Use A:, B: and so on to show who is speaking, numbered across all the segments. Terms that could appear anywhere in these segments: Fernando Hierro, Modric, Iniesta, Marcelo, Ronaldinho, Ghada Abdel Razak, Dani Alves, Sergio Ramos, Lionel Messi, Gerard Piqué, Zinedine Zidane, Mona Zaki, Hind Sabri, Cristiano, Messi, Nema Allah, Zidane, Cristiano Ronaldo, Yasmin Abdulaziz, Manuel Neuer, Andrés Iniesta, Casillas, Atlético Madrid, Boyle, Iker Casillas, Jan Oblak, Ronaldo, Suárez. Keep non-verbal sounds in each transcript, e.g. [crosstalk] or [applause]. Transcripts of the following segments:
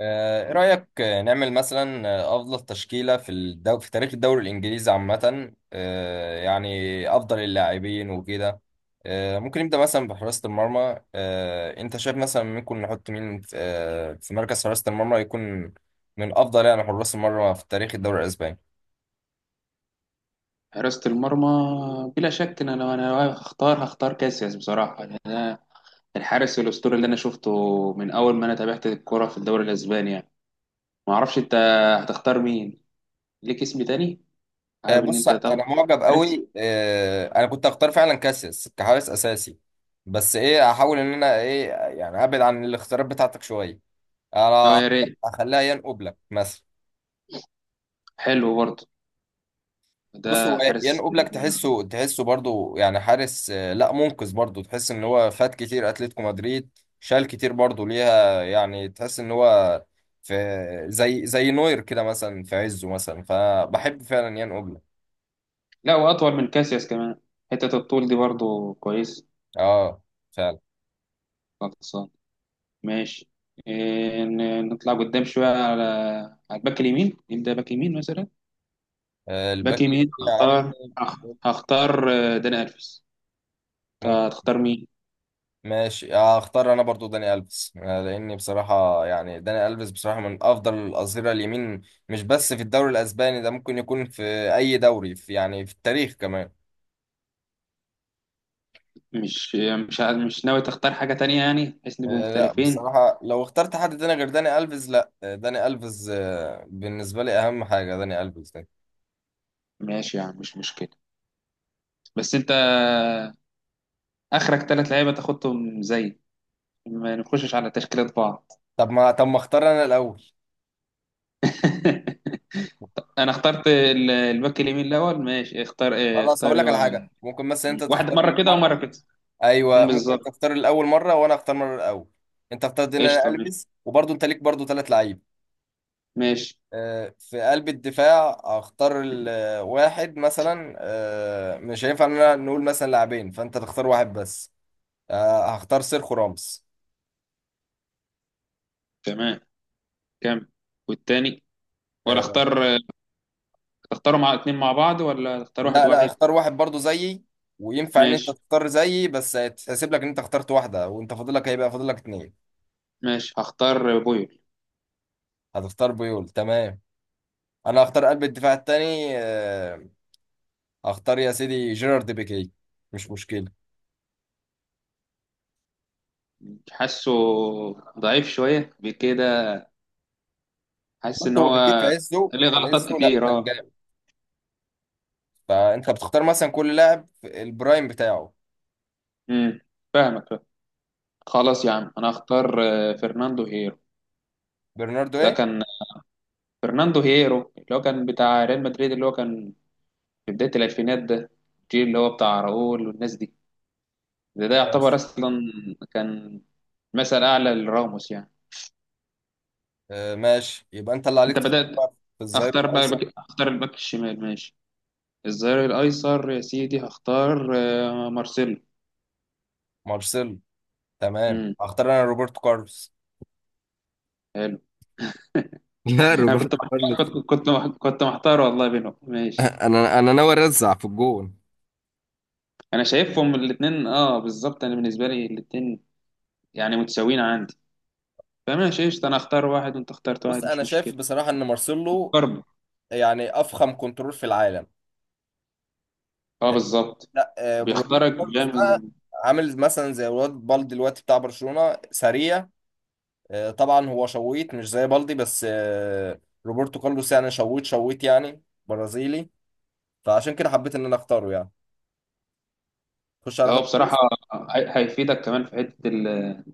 A: ايه رأيك، نعمل مثلا افضل تشكيلة في تاريخ الدوري الانجليزي عامة، يعني افضل اللاعبين وكده. ممكن نبدأ مثلا بحراسة المرمى. انت شايف مثلا ممكن نحط مين في مركز حراسة المرمى يكون من افضل يعني حراس المرمى في تاريخ الدوري الاسباني.
B: حراسة المرمى، بلا شك. إن أنا لو أنا هختار كاسياس بصراحة. الحارس الأسطوري اللي أنا شفته من أول ما أنا تابعت الكرة في الدوري الأسباني يعني. ما أعرفش أنت هتختار مين، ليك اسم تاني حابب إن
A: بص
B: أنت تاخده؟
A: انا معجب
B: حارس.
A: قوي، انا كنت هختار فعلا كاسياس كحارس اساسي. بس ايه هحاول ان انا ايه يعني ابعد عن الاختيارات بتاعتك شوية.
B: أه
A: انا
B: يا ريت.
A: هخليها يان اوبلاك مثلا.
B: حلو برضه ده.
A: بص هو
B: حارس،
A: يان اوبلاك تحسه برضو، يعني حارس، لا منقذ. برضو تحس ان هو فات كتير اتلتيكو مدريد، شال كتير برضو ليها. يعني تحس ان هو في زي نوير كده مثلا في عزه، مثلا فبحب فعلا يان اوبلاك.
B: لا، وأطول من كاسياس كمان. حتة الطول دي برضه كويس.
A: اه فعلا.
B: خلصان. ماشي. نطلع قدام شوية على على الباك اليمين. نبدأ باك يمين مثلا. باك
A: الباك
B: يمين
A: اليمين يا عم.
B: هختار داني ألفيس. هتختار مين؟
A: ماشي، اختار انا برضو داني الفيس، لاني بصراحه يعني داني الفيس بصراحه من افضل الاظهره اليمين، مش بس في الدوري الاسباني، ده ممكن يكون في اي دوري، في يعني في التاريخ كمان.
B: مش مش ناوي تختار حاجة تانية يعني، بحيث نبقى
A: لا
B: مختلفين؟
A: بصراحه، لو اخترت حد تاني غير داني الفيس لا، داني الفيس، بالنسبه لي اهم حاجه داني الفيس ده.
B: ماشي، يعني مش مشكلة. بس انت، اخرك ثلاث لعيبة تاخدهم، زي ما نخشش على تشكيلة بعض.
A: طب ما اختار انا الاول.
B: [laughs] انا اخترت الباك اليمين الاول. ماشي اختار،
A: خلاص
B: اختار،
A: هقول لك على
B: ايوه.
A: حاجه، ممكن مثلا انت
B: واحد
A: تختار
B: مرة كده ومرة
A: المره.
B: كده.
A: ايوه، ممكن
B: بالظبط.
A: انت تختار الاول مره وانا اختار مره الاول. انت اختار داني
B: قشطة. ماشي.
A: الفيس وبرضو انت ليك برضو ثلاث لعيبه.
B: ماشي.
A: في قلب الدفاع اختار واحد مثلا، مش هينفع ان انا نقول مثلا لاعبين، فانت تختار واحد بس. هختار سيرخو راموس.
B: تمام. كم؟ والتاني؟ ولا
A: آه،
B: اختار؟ تختاروا مع اتنين مع بعض، ولا تختار واحد
A: لا لا،
B: واحد؟
A: اختار واحد برضو زيي. وينفع ان انت
B: ماشي.
A: تختار زيي، بس هيتحسب لك ان انت اخترت واحدة، وانت هيبقى فاضلك اتنين.
B: ماشي، هختار بويل.
A: هتختار بيول، تمام. انا هختار قلب الدفاع التاني، هختار يا سيدي جيرارد بيكي. مش مشكلة.
B: حاسه ضعيف شوية بكده. حاسس ان
A: بص، هو
B: هو
A: بيكي في عزه
B: ليه
A: في
B: غلطات
A: عزه لا
B: كتير،
A: كان
B: اه.
A: جامد. فانت بتختار مثلا كل لاعب في البرايم بتاعه.
B: امم. فاهمك، فاهم. خلاص يا عم انا هختار فرناندو هيرو.
A: برناردو
B: ده
A: ايه؟
B: كان فرناندو هيرو اللي هو كان بتاع ريال مدريد، اللي هو كان في بداية الألفينات ده. الجيل اللي هو بتاع راؤول والناس دي. ده يعتبر
A: ماشي.
B: أصلا كان مثل أعلى لراموس يعني.
A: آه ماشي، يبقى انت اللي عليك
B: أنت
A: تختار
B: بدأت.
A: بقى في الظهير
B: أختار بقى
A: الايسر.
B: أختار الباك الشمال ماشي. الظهير الايسر يا سيدي هختار مارسيلو.
A: مارسيلو، تمام.
B: امم.
A: هختار انا روبرتو كارلوس.
B: حلو.
A: [laughs] لا،
B: انا كنت
A: روبرتو كارلوس.
B: محتار، كنت محتار والله بينهم. ماشي.
A: انا ناوي ارزع في الجون.
B: انا شايفهم الاثنين، اه بالظبط. انا بالنسبه لي الاثنين يعني متساويين عندي. فماشي، قشطه، انا اختار واحد وانت اخترت
A: بص،
B: واحد،
A: انا
B: مش
A: شايف
B: مشكله.
A: بصراحه ان مارسيلو
B: برضه.
A: يعني افخم كنترول في العالم.
B: اه، بالظبط.
A: لا، روبرتو
B: بيختارك
A: كارلوس
B: بيعمل.
A: بقى عامل مثلا زي الواد بالدي دلوقتي بتاع برشلونه، سريع. طبعا هو شويت مش زي بالدي، بس روبرتو كارلوس يعني شويت شويت يعني، برازيلي. فعشان كده حبيت ان انا اختاره يعني. خش على
B: هو
A: خط.
B: بصراحه هيفيدك كمان في حته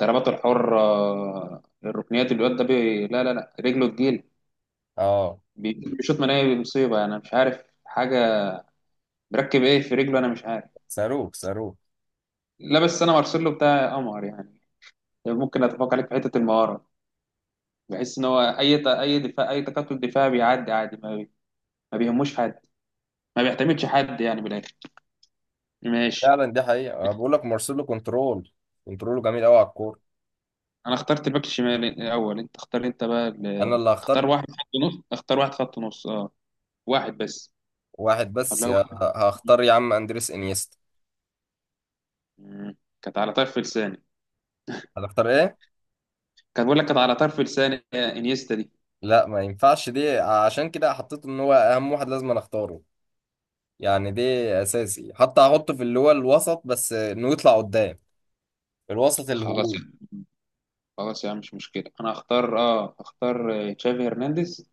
B: الضربات الحره، الركنيات. الواد ده بي... لا لا لا، رجله تجيل.
A: اه.
B: بيشوط مناهي بمصيبه، انا مش عارف حاجه مركب ايه في رجله، انا مش عارف.
A: صاروخ صاروخ.
B: لا، بس انا مارسيلو بتاع قمر يعني. ممكن اتفق عليك في حته المهاره. بحس ان هو اي دفاع، اي تكتل دفاعي بيعدي عادي، ما بيهموش حد، ما بيعتمدش حد يعني بالاخر. ماشي.
A: فعلا، دي حقيقة. أنا بقول لك مارسيلو كنترول، كنترول جميل قوي على الكورة.
B: انا اخترت الباك الشمال الاول. انت اختار انت بقى
A: أنا اللي هختار
B: اختار واحد خط نص. اختار واحد خط نص، اه. واحد بس
A: واحد بس
B: ولا
A: يا...
B: واحد؟
A: هختار يا عم أندريس إنيستا.
B: مم. كانت على طرف لساني.
A: هتختار إيه؟
B: كان بقول لك كانت على طرف لساني يا انيستا دي.
A: لا ما ينفعش دي، عشان كده حطيته إن هو أهم واحد لازم أنا أختاره. يعني دي أساسي، حتى هحطه في اللي هو الوسط، بس إنه يطلع قدام، الوسط
B: خلاص.
A: الهجوم.
B: خلاص يا عم مش مشكله، انا هختار تشافي هرنانديز.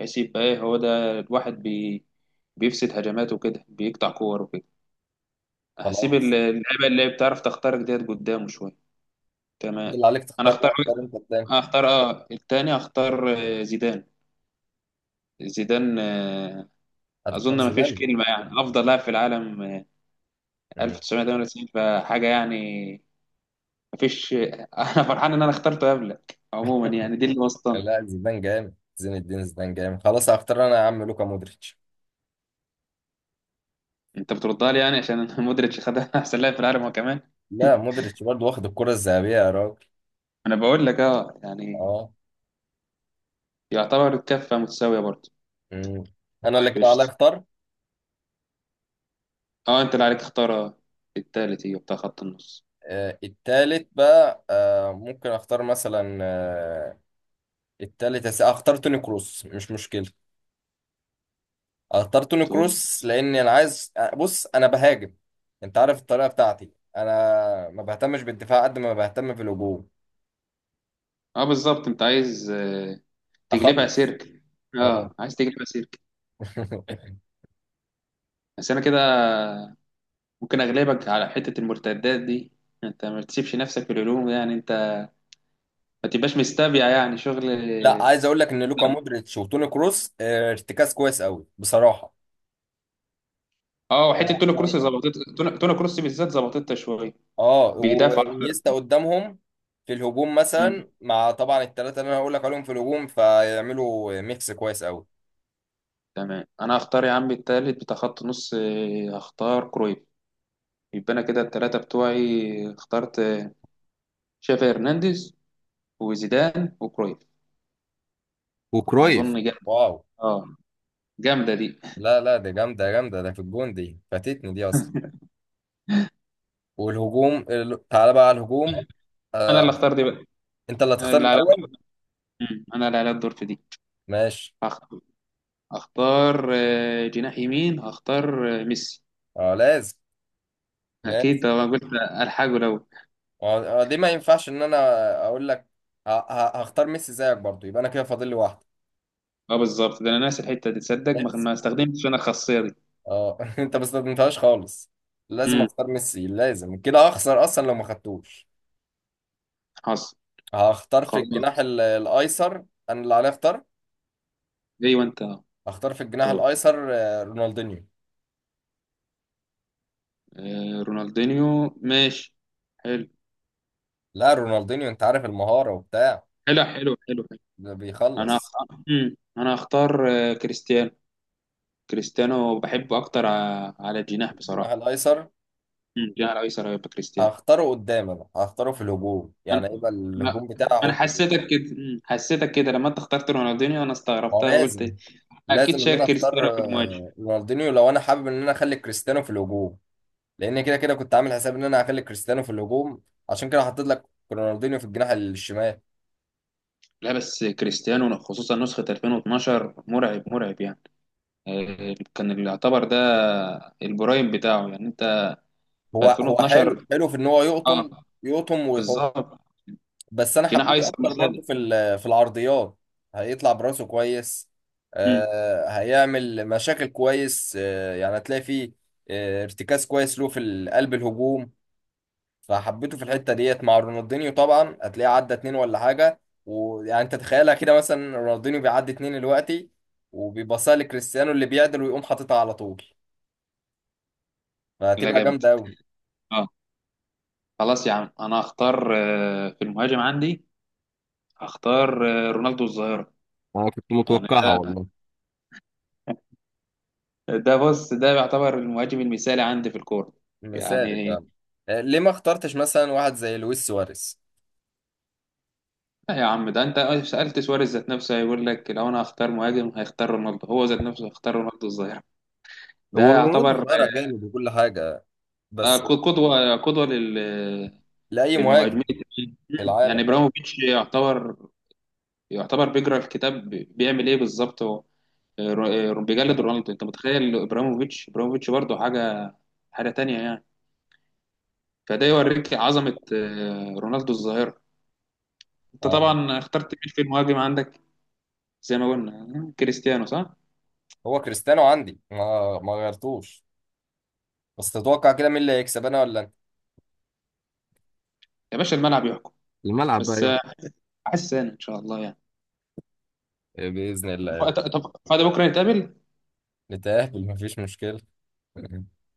B: هيسيب بقى. إيه، هو ده الواحد بيفسد هجماته كده، بيقطع كور وكده. هسيب
A: خلاص،
B: اللعيبه اللي بتعرف تخترق ديت قدامه شويه.
A: أنت
B: تمام.
A: اللي عليك
B: انا
A: تختار
B: اختار
A: بقى، اختار أنت قدام.
B: اختار اه التاني اختار آه، زيدان. زيدان. اظن
A: هتختار
B: ما فيش
A: زيدان؟
B: كلمه، يعني افضل لاعب في العالم
A: مم.
B: 1998 فحاجه يعني. ما فيش. [laughs] انا فرحان ان انا اخترته قبلك عموما
A: [laughs]
B: يعني. دي اللي وسطنا.
A: لا، زيدان جامد، زين الدين زيدان جامد. خلاص هختار أنا يا عم لوكا مودريتش.
B: انت بتردها لي يعني عشان [laughs] مودريتش خد احسن لاعب في العالم هو كمان.
A: لا مودريتش برضه واخد الكرة الذهبية يا راجل.
B: انا بقول لك اه يعني
A: اه.
B: يعتبر كفه متساويه برضه.
A: مم. انا اللي
B: طيب
A: كده عليا
B: قشطة.
A: اختار.
B: اه انت اللي عليك تختار. التالت هي بتاع خط النص.
A: التالت بقى، ممكن اختار مثلا التالت اختار توني كروس، مش مشكلة. اختار توني
B: تقول.
A: كروس لان انا عايز، بص انا بهاجم. انت عارف الطريقة بتاعتي، انا ما بهتمش بالدفاع قد ما بهتم في الهجوم.
B: اه، بالظبط. انت عايز، تجلبها
A: اخلص.
B: سيرك.
A: اه
B: اه عايز تجلبها سيرك.
A: [laughs]
B: بس انا كده ممكن اغلبك على حتة المرتدات دي. انت ما تسيبش نفسك في الهجوم يعني، انت ما تبقاش مستبيع يعني شغل.
A: لا، عايز اقول لك ان لوكا مودريتش وتوني كروس ارتكاز كويس قوي بصراحة.
B: اه، وحتة توني كروس ظبطت. توني كروس بالذات ظبطتها شوية.
A: اه،
B: بيدافع اكتر.
A: وانيستا قدامهم في الهجوم
B: مم.
A: مثلا، مع طبعا الثلاثه اللي انا هقول لك عليهم في الهجوم، فيعملوا ميكس كويس قوي.
B: تمام. انا هختار يا عم التالت بتاع خط نص، هختار كرويف. يبقى انا كده التلاتة بتوعي اخترت شافي هرنانديز وزيدان وكرويف. اظن
A: وكرويف.
B: جامده.
A: واو.
B: اه جامده دي.
A: لا لا، ده جامده جامده، ده في الجون. دي فاتتني دي اصلا. والهجوم تعالى بقى على الهجوم.
B: انا اللي
A: آه.
B: اختار دي بقى.
A: انت اللي
B: أنا
A: هتختار
B: اللي على.
A: الاول.
B: مم. انا اللي على الدور في دي.
A: ماشي.
B: هخ- هختار جناح يمين، هختار ميسي.
A: اه لازم،
B: اكيد
A: لازم.
B: ده، انا قلت الحاجه لو.
A: دي ما ينفعش ان انا اقول لك، هختار ميسي زيك برضو، يبقى انا كده فاضل لي واحده.
B: اه بالظبط، ده انا ناسي الحته دي، تصدق ما استخدمتش انا الخاصيه دي.
A: اه [laughs] انت ما استخدمتهاش خالص. لازم
B: امم.
A: اختار ميسي، لازم كده اخسر اصلا لو ما خدتوش.
B: حصل.
A: هختار في
B: خلاص.
A: الجناح الايسر. انا اللي عليا اختار.
B: ايوه انت.
A: هختار في الجناح
B: طب،
A: الايسر رونالدينيو.
B: رونالدينيو، ماشي، حلو.
A: لا، رونالدينيو انت عارف المهارة وبتاع.
B: حلو.
A: ده
B: انا هخ...
A: بيخلص.
B: مم. انا هختار كريستيانو. كريستيانو بحبه اكتر على الجناح
A: الجناح
B: بصراحه.
A: الايسر
B: مم، جناح الايسر هيبقى كريستيانو.
A: هختاره قدام، انا هختاره في الهجوم، يعني يبقى
B: لا.
A: الهجوم بتاعي
B: انا
A: احطه كده.
B: حسيتك كده، مم، حسيتك كده لما انت اخترت رونالدينيو، انا
A: هو
B: استغربتها
A: لازم،
B: وقلت اكيد
A: لازم ان
B: شايل
A: انا اختار
B: كريستيانو في المواجهه.
A: رونالدينيو لو انا حابب ان انا اخلي كريستيانو في الهجوم، لان كده كده كنت عامل حساب ان انا هخلي كريستيانو في الهجوم، عشان كده حطيت لك رونالدينيو في الجناح الشمال.
B: لا بس كريستيانو خصوصا نسخه 2012 مرعب، مرعب يعني. كان اللي يعتبر ده البرايم بتاعه يعني انت. في
A: هو حلو
B: 2012،
A: حلو في ان هو
B: اه
A: يقطم، يقطم ويحط.
B: بالظبط.
A: بس انا
B: جناح
A: حبيته
B: ايسر
A: اكتر برضو
B: مثالي.
A: في العرضيات. هيطلع براسه كويس،
B: مم.
A: هيعمل مشاكل كويس، يعني هتلاقي فيه ارتكاز كويس له في قلب الهجوم. فحبيته في الحته ديت مع رونالدينيو، طبعا هتلاقيه عدى اتنين ولا حاجه. ويعني انت تخيلها كده، مثلا رونالدينيو بيعدي اتنين دلوقتي وبيباصها لكريستيانو اللي بيعدل ويقوم حاططها على طول،
B: لا
A: فهتبقى
B: جامد.
A: جامده قوي.
B: اه. خلاص يا عم انا هختار في المهاجم عندي. هختار رونالدو الظاهرة.
A: انا كنت
B: يعني
A: متوقعها
B: ده،
A: والله.
B: ده بص، ده يعتبر المهاجم المثالي عندي في الكورة
A: مثالي
B: يعني.
A: فعلا. ليه ما اخترتش مثلا واحد زي لويس سواريز؟
B: لا يا عم، ده انت سألت سواريز ذات نفسه هيقول لك لو انا هختار مهاجم هيختار رونالدو. هو ذات نفسه هيختار رونالدو الظاهرة. ده
A: هو رونالدو
B: يعتبر
A: ظاهرة جامد وكل حاجة،
B: آه،
A: بس
B: ق- قدوة، قدوة لل
A: لأي مهاجم
B: للمهاجمين التانيين.
A: في
B: مم. يعني
A: العالم يعني.
B: ابراهيموفيتش يعتبر، يعتبر بيقرا الكتاب بيعمل ايه بالظبط هو. بيجلد
A: آه،
B: رونالدو. انت متخيل ابراهيموفيتش؟ ابراهيموفيتش برضه حاجة، حاجة تانية يعني. فده يوريك عظمة رونالدو الظاهرة. انت
A: آه،
B: طبعا اخترت مين في المهاجم عندك؟ زي ما قلنا كريستيانو، صح؟
A: هو كريستيانو عندي، ما غيرتوش. بس تتوقع كده مين اللي هيكسب، أنا ولا أنت؟
B: يا باشا الملعب يحكم.
A: الملعب بقى
B: بس
A: يلا.
B: احس انا ان شاء الله يعني.
A: بإذن الله.
B: طب فاضي بكره نتقابل.
A: نتقابل، مفيش مشكلة.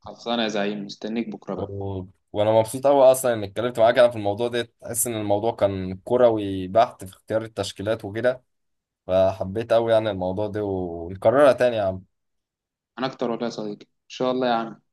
B: خلصانه يا زعيم، مستنيك بكره بقى.
A: و... وانا مبسوط قوي اصلا اني اتكلمت معاك انا في الموضوع ده، تحس ان الموضوع كان كروي بحت في اختيار التشكيلات وكده. فحبيت قوي يعني الموضوع ده، ونكررها تاني يا عم.
B: انا اكتر ولا يا صديقي، ان شاء الله يا عم.